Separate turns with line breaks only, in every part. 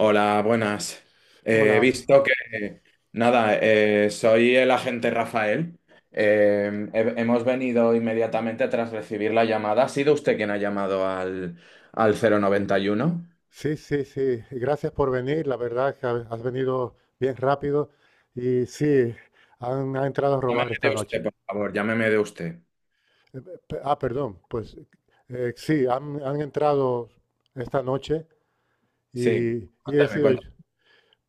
Hola, buenas. Eh,
Hola,
He visto que, nada, soy el agente Rafael. Hemos venido inmediatamente tras recibir la llamada. ¿Ha sido usted quien ha llamado al 091?
sí, sí, sí, y gracias por venir, la verdad que has venido bien rápido y sí, han entrado a robar
Llámeme
esta
de
noche.
usted, por favor, llámeme de usted.
Eh, Ah, perdón, pues sí, han entrado esta noche
Sí,
y, y he
cuéntame,
sido
cuéntame.
yo.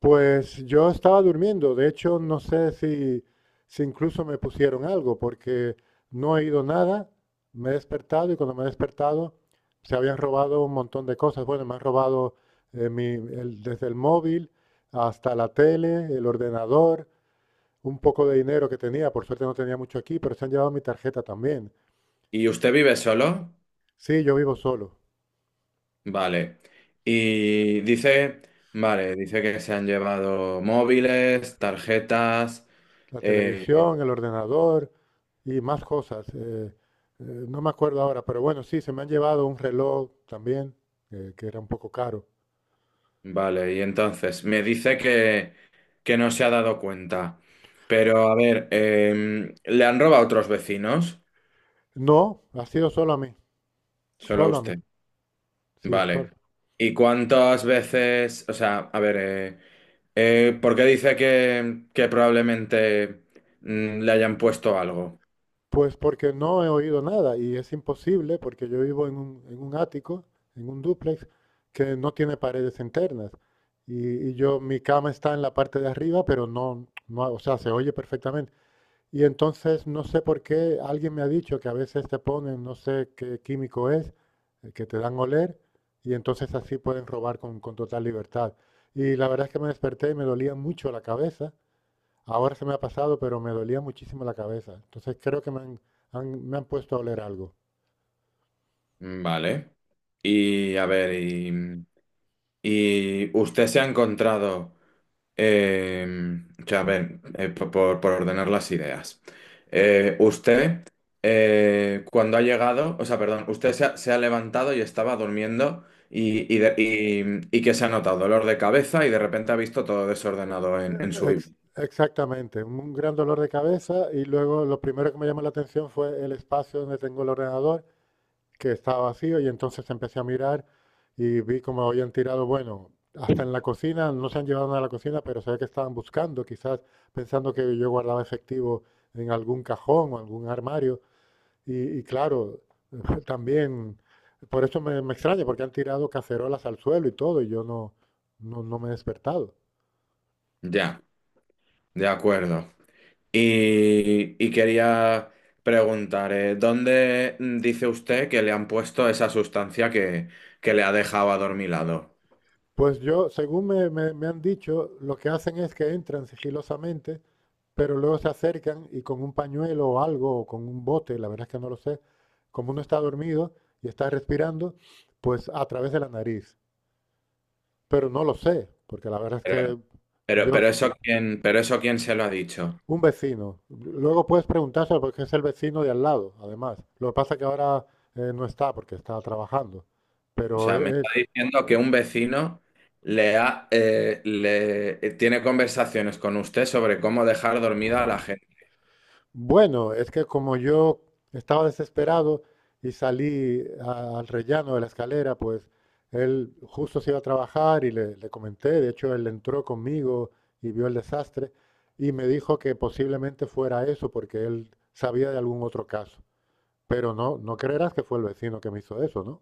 Pues yo estaba durmiendo, de hecho no sé si incluso me pusieron algo, porque no he ido nada, me he despertado y cuando me he despertado se habían robado un montón de cosas. Bueno, me han robado desde el móvil hasta la tele, el ordenador, un poco de dinero que tenía, por suerte no tenía mucho aquí, pero se han llevado mi tarjeta también.
¿Y usted vive solo?
Sí, yo vivo solo,
Vale. Y dice, vale, dice que se han llevado móviles, tarjetas.
la
eh,
televisión, el ordenador, y más cosas. No me acuerdo ahora, pero bueno, sí, se me han llevado un reloj también, que era un poco caro.
Vale, y entonces me dice que no se ha dado cuenta. Pero a ver, ¿le han robado a otros vecinos?
No, ha sido
Solo a
solo a mí,
usted.
sí, solo.
Vale. ¿Y cuántas veces? O sea, a ver, ¿por qué dice que probablemente le hayan puesto algo?
Pues porque no he oído nada y es imposible porque yo vivo en en un ático, en un dúplex, que no tiene paredes internas. Y yo, mi cama está en la parte de arriba, pero no, no, o sea, se oye perfectamente. Y entonces no sé por qué alguien me ha dicho que a veces te ponen, no sé qué químico es, que te dan a oler y entonces así pueden robar con total libertad. Y la verdad es que me desperté y me dolía mucho la cabeza. Ahora se me ha pasado, pero me dolía muchísimo la cabeza. Entonces creo que me han puesto a oler algo.
Vale. Y a ver, y usted se ha encontrado. Eh, o sea, a ver, por ordenar las ideas. Usted, cuando ha llegado, o sea, perdón, usted se ha levantado y estaba durmiendo y que se ha notado dolor de cabeza y de repente ha visto todo desordenado en su
Ex-
vivienda.
exactamente, un gran dolor de cabeza y luego lo primero que me llamó la atención fue el espacio donde tengo el ordenador que estaba vacío y entonces empecé a mirar y vi como habían tirado, bueno, hasta en la cocina, no se han llevado nada a la cocina, pero se ve que estaban buscando, quizás pensando que yo guardaba efectivo en algún cajón o algún armario. Y claro, también, por eso me extraña, porque han tirado cacerolas al suelo y todo, y yo no, no, no me he despertado.
Ya, de acuerdo. Y quería preguntar, ¿dónde dice usted que le han puesto esa sustancia que le ha dejado adormilado?
Pues yo, según me han dicho, lo que hacen es que entran sigilosamente, pero luego se acercan y con un pañuelo o algo, o con un bote, la verdad es que no lo sé, como uno está dormido y está respirando, pues a través de la nariz. Pero no lo sé, porque la verdad es que
Pero,
yo,
pero
s-
eso quién se lo ha dicho.
un vecino, luego puedes preguntárselo porque es el vecino de al lado, además. Lo que pasa es que ahora no está porque está trabajando,
O
pero
sea, me
él.
está diciendo que un vecino le ha, le tiene conversaciones con usted sobre cómo dejar dormida a la gente.
Bueno, es que como yo estaba desesperado y salí al rellano de la escalera, pues él justo se iba a trabajar y le comenté, de hecho él entró conmigo y vio el desastre y me dijo que posiblemente fuera eso porque él sabía de algún otro caso, pero no, no creerás que fue el vecino que me hizo eso, ¿no?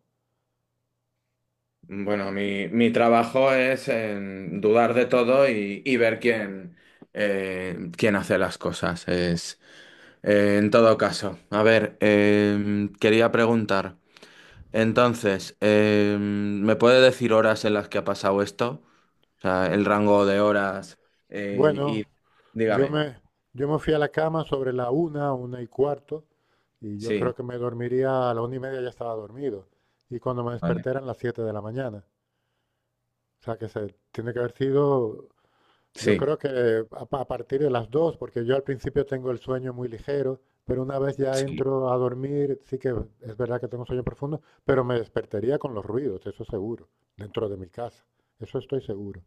Bueno, mi trabajo es en dudar de todo y ver quién, quién hace las cosas. Es, en todo caso, a ver, quería preguntar. Entonces, ¿me puede decir horas en las que ha pasado esto? O sea, el rango de horas eh, y
Bueno, Yo
dígame.
me, yo me fui a la cama sobre la una, 1:15, y yo creo
Sí,
que me dormiría a la 1:30 ya estaba dormido. Y cuando me
vale.
desperté eran las 7 de la mañana. O sea que se tiene que haber sido, yo
Sí,
creo que a partir de las 2, porque yo al principio tengo el sueño muy ligero, pero una vez ya
sí.
entro a dormir, sí que es verdad que tengo un sueño profundo, pero me despertaría con los ruidos, eso seguro, dentro de mi casa. Eso estoy seguro.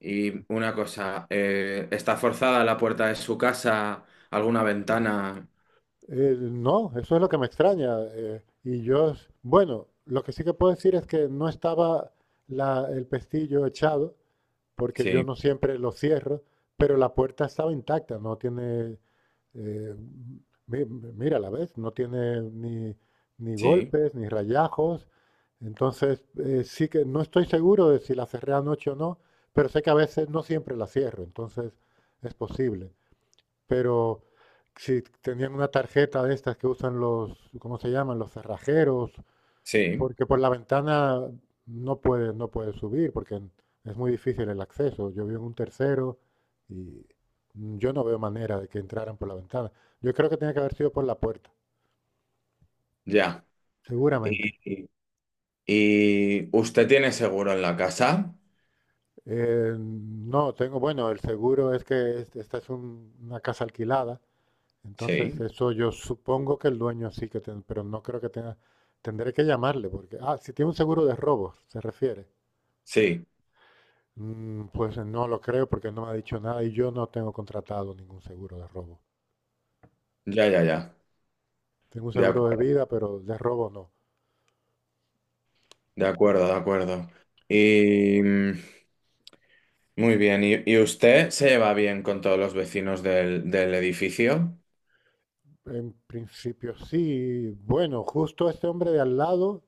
Y una cosa, ¿está forzada la puerta de su casa? ¿Alguna ventana?
No, eso es lo que me extraña. Y yo, bueno, lo que sí que puedo decir es que no estaba el pestillo echado, porque yo
Sí,
no siempre lo cierro, pero la puerta estaba intacta, no tiene, eh, mira, la ves, no tiene ni
sí,
golpes, ni rayajos. Entonces, sí que no estoy seguro de si la cerré anoche o no, pero sé que a veces no siempre la cierro, entonces es posible. Pero si tenían una tarjeta de estas que usan los, ¿cómo se llaman? Los cerrajeros,
sí,
porque por la ventana no puede subir, porque es muy difícil el acceso. Yo vivo en un tercero y yo no veo manera de que entraran por la ventana. Yo creo que tenía que haber sido por la puerta,
ya.
seguramente.
¿Y, y usted tiene seguro en la casa?
No, tengo, bueno, el seguro es que esta es una casa alquilada. Entonces,
Sí,
eso yo supongo que el dueño sí que tiene, pero no creo que tenga, tendré que llamarle porque, ah, si tiene un seguro de robos, se refiere.
sí,
Pues no lo creo porque no me ha dicho nada y yo no tengo contratado ningún seguro de robo.
ya, ya, ya.
Tengo un
De
seguro de
acuerdo,
vida, pero de robo no.
de acuerdo, de acuerdo. Y... Muy bien. Y usted se lleva bien con todos los vecinos del edificio?
En principio sí. Bueno, justo este hombre de al lado,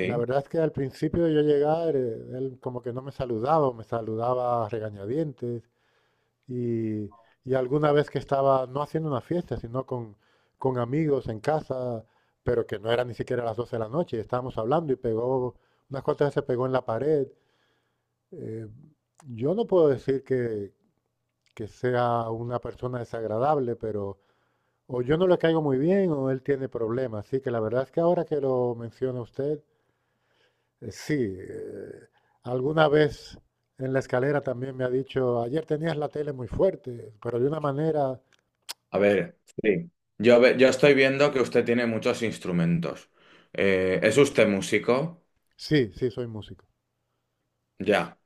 la verdad es que al principio de yo llegar, él como que no me saludaba, o me saludaba a regañadientes. Y, y alguna vez que estaba, no haciendo una fiesta, sino con amigos en casa, pero que no era ni siquiera las 12 de la noche, y estábamos hablando y unas cuantas veces pegó en la pared. Eh, yo no puedo decir que sea una persona desagradable, pero o yo no le caigo muy bien o él tiene problemas. Así que la verdad es que ahora que lo menciona usted, sí, alguna vez en la escalera también me ha dicho, ayer tenías la tele muy fuerte, pero de una manera.
A ver, sí. Yo, yo estoy viendo que usted tiene muchos instrumentos. ¿Es usted músico?
Sí, sí, soy músico.
Ya.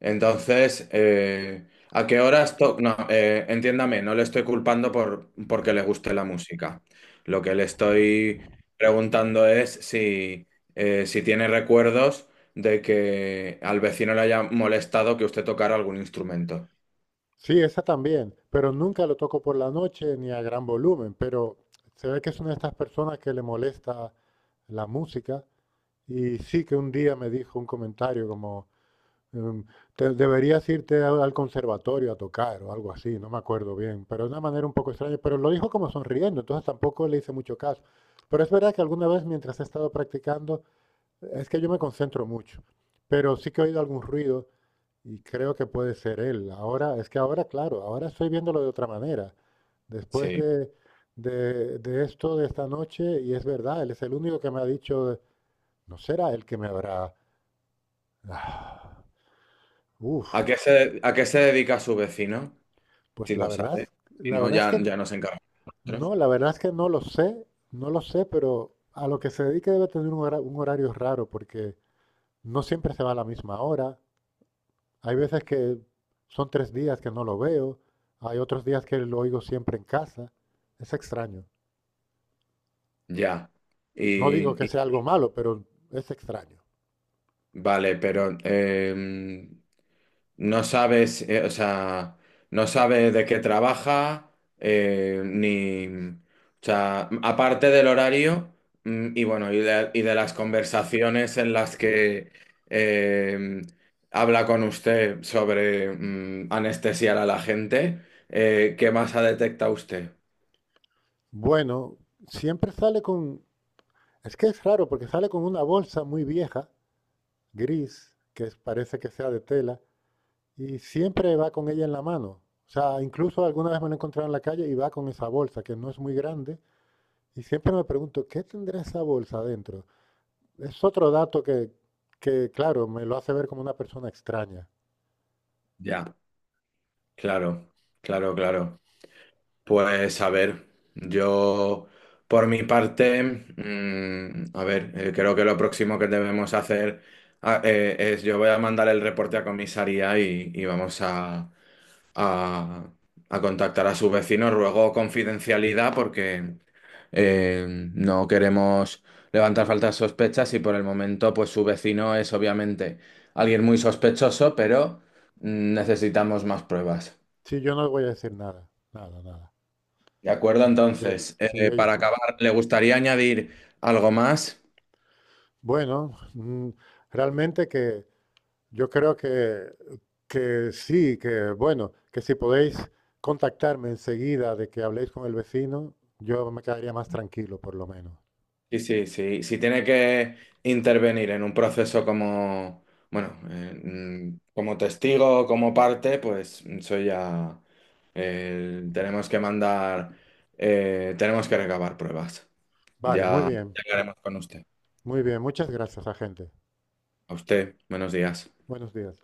Entonces, ¿a qué horas No, entiéndame, no le estoy culpando por porque le guste la música. Lo que le estoy preguntando es si si tiene recuerdos de que al vecino le haya molestado que usted tocara algún instrumento.
Sí, esa también, pero nunca lo toco por la noche ni a gran volumen, pero se ve que es una de estas personas que le molesta la música y sí que un día me dijo un comentario como, em, deberías irte al conservatorio a tocar o algo así", no me acuerdo bien, pero de una manera un poco extraña, pero lo dijo como sonriendo, entonces tampoco le hice mucho caso. Pero es verdad que alguna vez mientras he estado practicando, es que yo me concentro mucho, pero sí que he oído algún ruido. Y creo que puede ser él. Ahora, es que ahora, claro, ahora estoy viéndolo de otra manera. Después
Sí.
de esto, de esta noche, y es verdad, él es el único que me ha dicho, no será él que me habrá... Ah, uf,
¿A qué se dedica su vecino? Si
pues la
lo
verdad,
sabe. Si
la
no,
verdad es
ya,
que
ya nos encargamos nosotros.
no, la verdad es que no lo sé, no lo sé, pero a lo que se dedique debe tener un horario raro, porque no siempre se va a la misma hora. Hay veces que son 3 días que no lo veo, hay otros días que lo oigo siempre en casa. Es extraño.
Ya.
No digo
Y,
que
y-
sea algo malo, pero es extraño.
vale, pero no sabes, o sea, no sabe de qué trabaja, ni, o sea, aparte del horario, y bueno, y de las conversaciones en las que eh, habla con usted sobre anestesiar a la gente, ¿qué más ha detectado usted?
Bueno, siempre sale con... Es que es raro porque sale con una bolsa muy vieja, gris, que parece que sea de tela, y siempre va con ella en la mano. O sea, incluso alguna vez me lo he encontrado en la calle y va con esa bolsa, que no es muy grande, y siempre me pregunto, ¿qué tendrá esa bolsa adentro? Es otro dato que, claro, me lo hace ver como una persona extraña.
Ya, claro, claro, claro. Pues a ver, yo por mi parte, a ver, creo que lo próximo que debemos hacer es yo voy a mandar el reporte a comisaría y vamos a- a contactar a sus vecinos. Ruego confidencialidad porque eh, no queremos levantar faltas sospechas y por el momento pues su vecino es obviamente alguien muy sospechoso, pero necesitamos más pruebas.
Sí, yo no voy a decir nada, nada, nada.
De acuerdo,
Yo-
entonces,
sí, oye,
para acabar, ¿le gustaría añadir algo más?
bueno, realmente que yo creo que sí, que bueno, que si podéis contactarme enseguida de que habléis con el vecino, yo me quedaría más tranquilo, por lo menos.
Sí, sí, sí. Si tiene que intervenir en un proceso como, bueno, como testigo, como parte, pues soy ya. Tenemos que mandar, tenemos que recabar pruebas.
Vale, muy
Ya
bien,
ya hablaremos con usted.
muy bien. Muchas gracias, agente.
A usted, buenos días.
Buenos días.